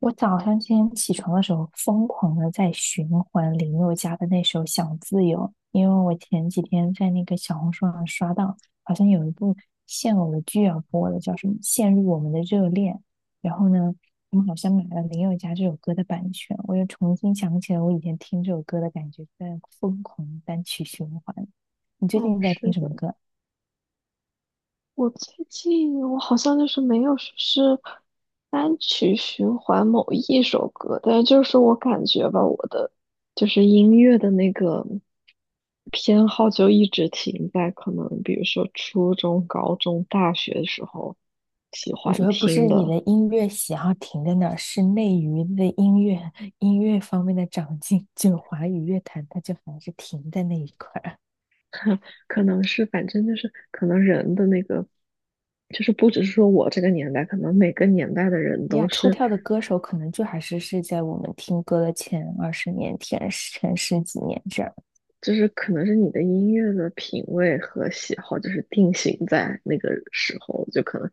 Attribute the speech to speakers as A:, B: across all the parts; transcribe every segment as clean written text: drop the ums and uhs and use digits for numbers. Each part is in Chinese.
A: 我早上今天起床的时候，疯狂的在循环林宥嘉的那首《想自由》，因为我前几天在那个小红书上刷到，好像有一部现偶的剧要播了，叫什么《陷入我们的热恋》。然后呢，他们好像买了林宥嘉这首歌的版权，我又重新想起了我以前听这首歌的感觉，在疯狂单曲循环。你最
B: 哦，
A: 近在听
B: 是
A: 什
B: 的，
A: 么歌？
B: 我最近我好像就是没有说是单曲循环某一首歌，但是就是我感觉吧，我的就是音乐的那个偏好就一直停在可能比如说初中、高中、大学的时候喜
A: 我觉
B: 欢
A: 得不
B: 听
A: 是你
B: 的，
A: 的音乐喜好停在那儿，是内娱的音乐音乐方面的长进，就华语乐坛它就还是停在那一块儿啊。
B: 可能是反正就是可能人的那个。就是不只是说我这个年代，可能每个年代的人
A: 你俩
B: 都
A: 出
B: 是
A: 跳的歌手可能就还是是在我们听歌的前二十年、前十几年这样，
B: 就是可能是你的音乐的品味和喜好，就是定型在那个时候，就可能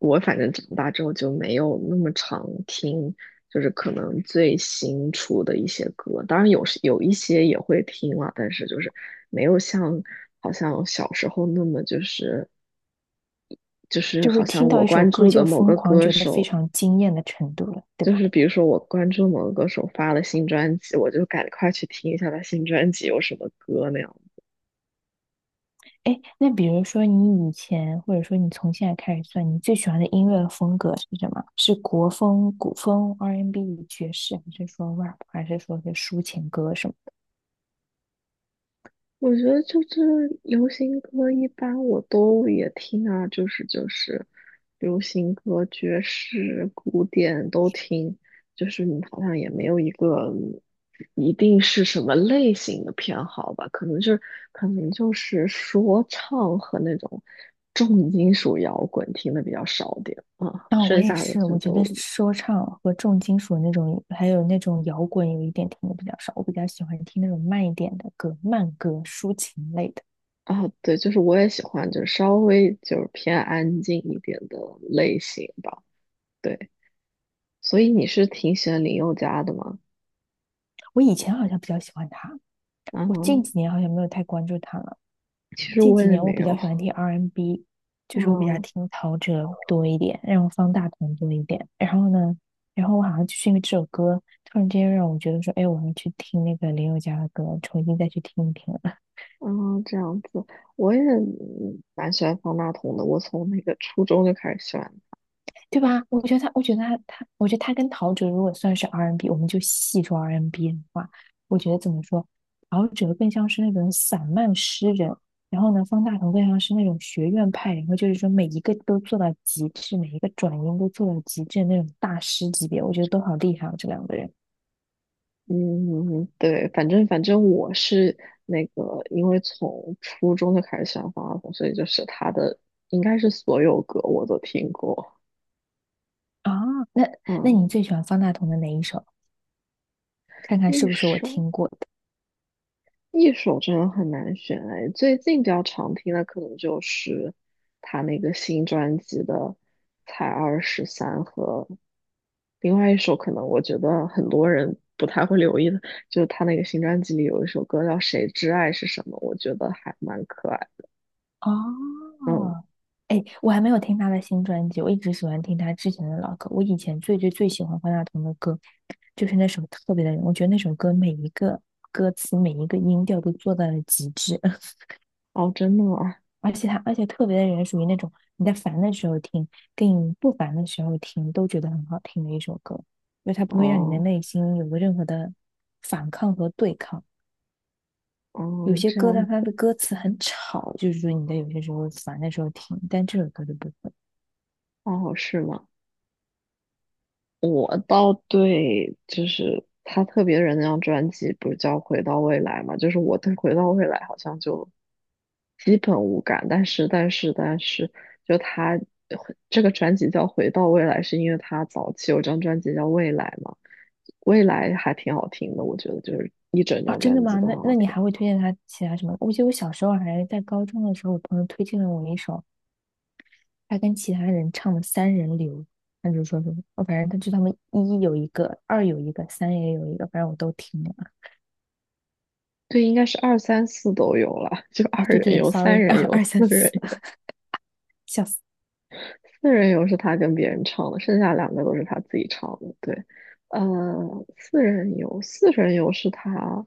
B: 我反正长大之后就没有那么常听，就是可能最新出的一些歌，当然有时有一些也会听了，但是就是没有像好像小时候那么就是
A: 就是
B: 好
A: 听
B: 像
A: 到
B: 我
A: 一首
B: 关
A: 歌
B: 注
A: 就
B: 的某
A: 疯
B: 个
A: 狂，
B: 歌
A: 觉得非
B: 手。
A: 常惊艳的程度了，对
B: 就
A: 吧？
B: 是比如说，我关注某个歌手发了新专辑，我就赶快去听一下他新专辑有什么歌那样。
A: 哎，那比如说你以前，或者说你从现在开始算，你最喜欢的音乐风格是什么？是国风、古风、R&B、爵士，还是说 rap，还是说是抒情歌什么
B: 我觉得就是流行歌，一般我都也听啊，就是流行歌、爵士、古典都听，就是你好像也没有一个一定是什么类型的偏好吧，可能就是可能就是说唱和那种重金属摇滚听的比较少点啊，
A: 的？啊、我
B: 剩
A: 也
B: 下的
A: 是，
B: 就
A: 我觉
B: 都
A: 得说唱和重金属那种，还有那种摇滚，有一点听的比较少。我比较喜欢听那种慢一点的歌，慢歌、抒情类的。
B: 啊，对，就是我也喜欢就是稍微就是偏安静一点的类型吧。对。所以你是挺喜欢林宥嘉的吗？
A: 我以前好像比较喜欢他，我近
B: 嗯，
A: 几年好像没有太关注他了。
B: 其实
A: 近
B: 我
A: 几
B: 也
A: 年我
B: 没
A: 比较
B: 有。
A: 喜欢听 R&B，就是我比较
B: 嗯
A: 听陶喆多一点，然后方大同多一点。然后呢，然后我好像就是因为这首歌，突然之间让我觉得说，哎，我要去听那个林宥嘉的歌，重新再去听一听了。
B: 嗯，这样子，我也嗯蛮喜欢方大同的。我从那个初中就开始喜欢。
A: 对吧？我觉得他跟陶喆如果算是 R&B，我们就细说 R&B 的话，我觉得怎么说，陶喆更像是那种散漫诗人，然后呢，方大同更像是那种学院派，然后就是说每一个都做到极致，每一个转音都做到极致的那种大师级别，我觉得都好厉害哦，这两个人
B: 嗯，对，反正我是那个，因为从初中就开始喜欢方大同，所以就是他的应该是所有歌我都听过。
A: 啊。那那
B: 嗯，
A: 你最喜欢方大同的哪一首？看看是
B: 一
A: 不是我
B: 首。
A: 听过的。
B: 一首真的很难选哎，最近比较常听的可能就是他那个新专辑的《才二十三》和另外一首，可能我觉得很多人不太会留意的，就是他那个新专辑里有一首歌叫《谁之爱是什么》，我觉得还蛮可爱。嗯，
A: 哦，哎，我还没有听他的新专辑，我一直喜欢听他之前的老歌。我以前最最最喜欢方大同的歌，就是那首《特别的人》，我觉得那首歌每一个歌词、每一个音调都做到了极致，
B: 哦，真的啊，
A: 而且《特别的人》属于那种你在烦的时候听，跟你不烦的时候听都觉得很好听的一首歌，因为它不会让你的
B: 哦，
A: 内心有任何的反抗和对抗。有
B: 哦，
A: 些
B: 这
A: 歌，但
B: 样，
A: 它的歌词很吵，就是说你在有些时候烦的时候听，但这首歌就不会。
B: 哦，是吗？我倒对，就是他特别人那张专辑不是叫《回到未来》嘛，就是我对《回到未来》好像就基本无感，但是，就他这个专辑叫《回到未来》，是因为他早期有张专辑叫《未来》嘛，《未来》还挺好听的，我觉得就是一整
A: 啊，
B: 张
A: 真的
B: 专辑
A: 吗？
B: 都很
A: 那
B: 好
A: 你
B: 听。
A: 还会推荐他其他什么？我记得我小时候还在高中的时候，我朋友推荐了我一首他跟其他人唱的《三人流》，他就说什么，哦，反正他就他们一有一个，二有一个，三也有一个，反正我都听了。
B: 对，应该是二三四都有了，就
A: 啊，
B: 二
A: 对
B: 人
A: 对
B: 游、三
A: ，sorry，
B: 人 游、
A: 二三
B: 四人
A: 四，
B: 游
A: 笑死。
B: 四人游是他跟别人唱的，剩下两个都是他自己唱的。对，四人游是他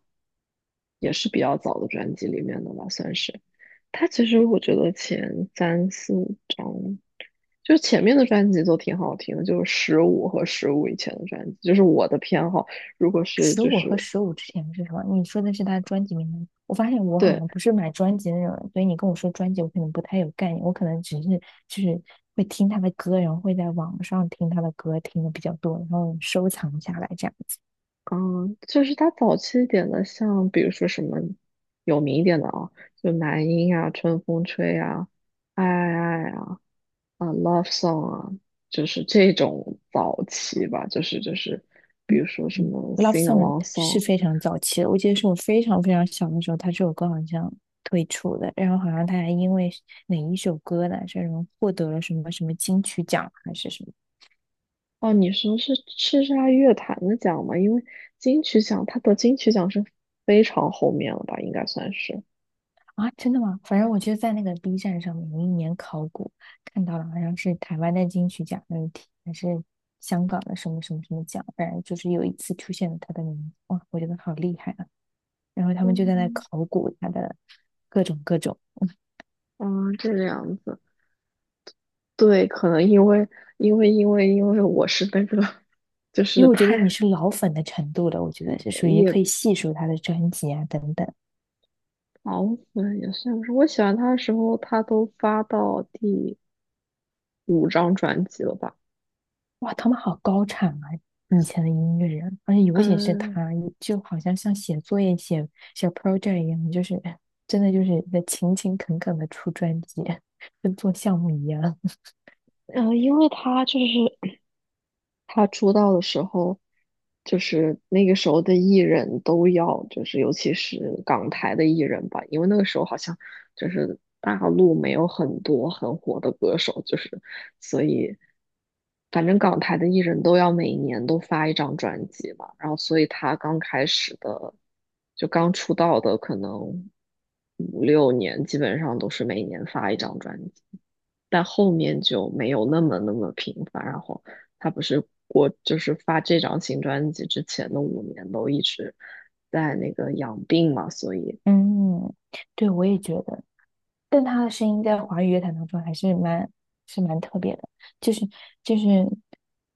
B: 也是比较早的专辑里面的吧，算是。他其实我觉得前三四五张，就前面的专辑都挺好听的，就是十五和十五以前的专辑，就是我的偏好。如果是
A: 十
B: 就
A: 五和
B: 是
A: 十五之前是什么？你说的是他专辑名单。我发现我好
B: 对，
A: 像不是买专辑的那种人，所以你跟我说专辑，我可能不太有概念。我可能只是就是会听他的歌，然后会在网上听他的歌，听的比较多，然后收藏下来这样子。
B: 嗯，就是他早期一点的，像比如说什么有名一点的啊，就男音啊，春风吹啊，爱爱爱啊，啊，Love Song 啊，就是这种早期吧，就是，比
A: 嗯
B: 如说什
A: 嗯
B: 么
A: ，Love
B: Sing
A: Song
B: Along
A: 是
B: Song。
A: 非常早期的，我记得是我非常非常小的时候，他这首歌好像推出的，然后好像他还因为哪一首歌呢，这种获得了什么什么金曲奖还是什么。
B: 哦，你说是叱咤乐坛的奖吗？因为金曲奖，他得金曲奖是非常后面了吧，应该算是。
A: 啊，真的吗？反正我就在那个 B 站上面有一年考古，看到了好像是台湾的金曲奖那一题，还是香港的什么什么什么奖，反正就是有一次出现了他的名字，哇，我觉得好厉害啊！然后他们就在那
B: 嗯，
A: 考古他的各种各种，
B: 嗯，这个样子。对，可能因为我是那个，就
A: 因
B: 是
A: 为我觉得你
B: 太
A: 是老粉的程度了，我觉得是属于可
B: 也
A: 以细数他的专辑啊等等。
B: 狂粉也算不是。我喜欢他的时候，他都发到第5张专辑了吧？
A: 哇，他们好高产啊！以前的音乐人，而且尤其是
B: 嗯
A: 他，就好像像写作业、写 project 一样，就是哎真的就是在勤勤恳恳的出专辑，跟做项目一样。
B: 嗯，因为他就是 他出道的时候，就是那个时候的艺人都要，就是尤其是港台的艺人吧，因为那个时候好像就是大陆没有很多很火的歌手，就是所以反正港台的艺人都要每年都发一张专辑嘛，然后所以他刚开始的就刚出道的可能5、6年，基本上都是每年发一张专辑。但后面就没有那么频繁，然后他不是我就是发这张新专辑之前的5年都一直在那个养病嘛，所以
A: 嗯，对，我也觉得。但他的声音在华语乐坛当中还是蛮特别的，就是就是，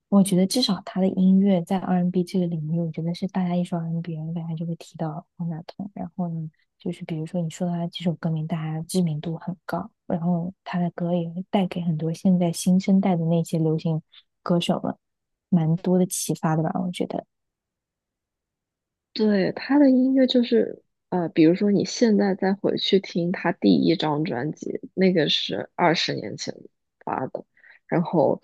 A: 我觉得至少他的音乐在 R&B 这个领域，我觉得是大家一说 R&B，大家就会提到方大同。然后呢，就是比如说你说他几首歌名，大家知名度很高，然后他的歌也会带给很多现在新生代的那些流行歌手们蛮多的启发的吧，我觉得。
B: 对他的音乐就是比如说你现在再回去听他第一张专辑，那个是二十年前发的，然后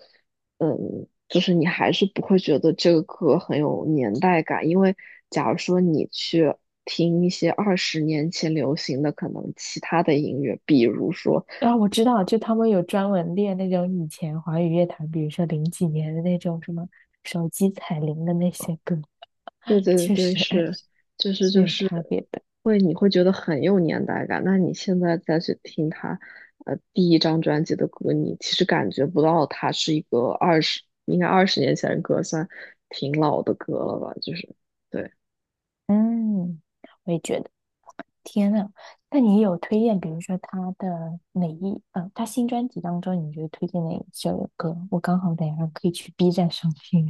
B: 嗯，就是你还是不会觉得这个歌很有年代感，因为假如说你去，听一些二十年前流行的可能其他的音乐，比如说
A: 啊，我知道，就他们有专门练那种以前华语乐坛，比如说零几年的那种什么手机彩铃的那些歌，
B: 对对 对
A: 确
B: 对，
A: 实
B: 是，就是
A: 是
B: 就
A: 有
B: 是
A: 差别的。
B: 会，你会觉得很有年代感。那你现在再去听他，第一张专辑的歌，你其实感觉不到他是一个二十，应该二十年前的歌，算挺老的歌了吧？就是，对。
A: 嗯，我也觉得。天呐，那你有推荐，比如说他的哪一，嗯、他新专辑当中，你觉得推荐哪一首歌？我刚好等一下可以去 B 站上听。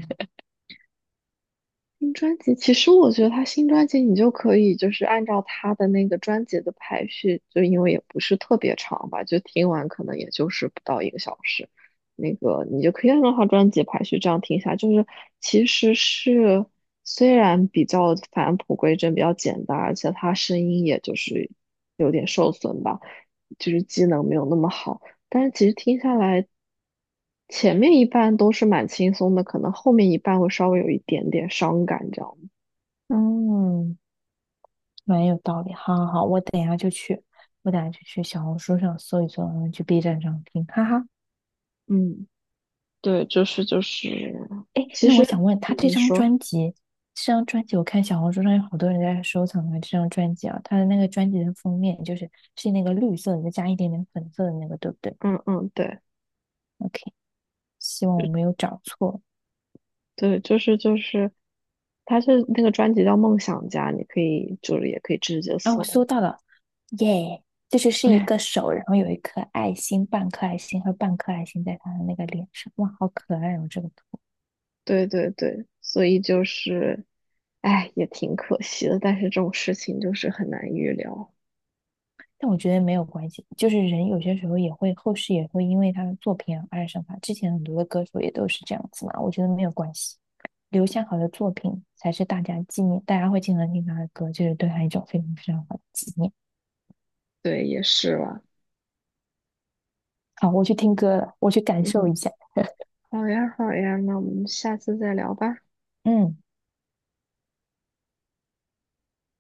B: 新专辑，其实我觉得他新专辑你就可以就是按照他的那个专辑的排序，就因为也不是特别长吧，就听完可能也就是不到一个小时，那个你就可以按照他专辑排序这样听一下，就是其实是虽然比较返璞归真，比较简单，而且他声音也就是有点受损吧，就是机能没有那么好，但是其实听下来。前面一半都是蛮轻松的，可能后面一半会稍微有一点点伤感，这样。
A: 嗯，蛮有道理。好好好，我等一下就去，我等一下就去小红书上搜一搜，然后去 B 站上听。哈哈。
B: 嗯，对，就是，
A: 哎，
B: 其
A: 那我
B: 实
A: 想问他这
B: 嗯你
A: 张
B: 说，
A: 专辑，这张专辑我看小红书上有好多人在收藏啊，这张专辑啊，他的那个专辑的封面就是是那个绿色的，再加一点点粉色的那个，对不对
B: 嗯嗯，对，
A: ？OK，希望我
B: 就
A: 没有找错。
B: 对，就是，他是那个专辑叫《梦想家》，你可以就是也可以直接
A: 啊，我搜
B: 搜，
A: 到了，耶，就是是一个 手，然后有一颗爱心，半颗爱心和半颗爱心在他的那个脸上，哇，好可爱哦，这个图。
B: 对对对，所以就是，哎，也挺可惜的，但是这种事情就是很难预料，
A: 但我觉得没有关系，就是人有些时候也会，后世也会因为他的作品而爱上他。之前很多的歌手也都是这样子嘛，我觉得没有关系，留下好的作品才是大家纪念，大家会经常听他的歌，就是对他一种非常非常好的纪念。
B: 对，也是吧，
A: 好，我去听歌了，我去感受
B: 嗯，
A: 一下。
B: 好呀好呀，那我们下次再聊吧。
A: 嗯。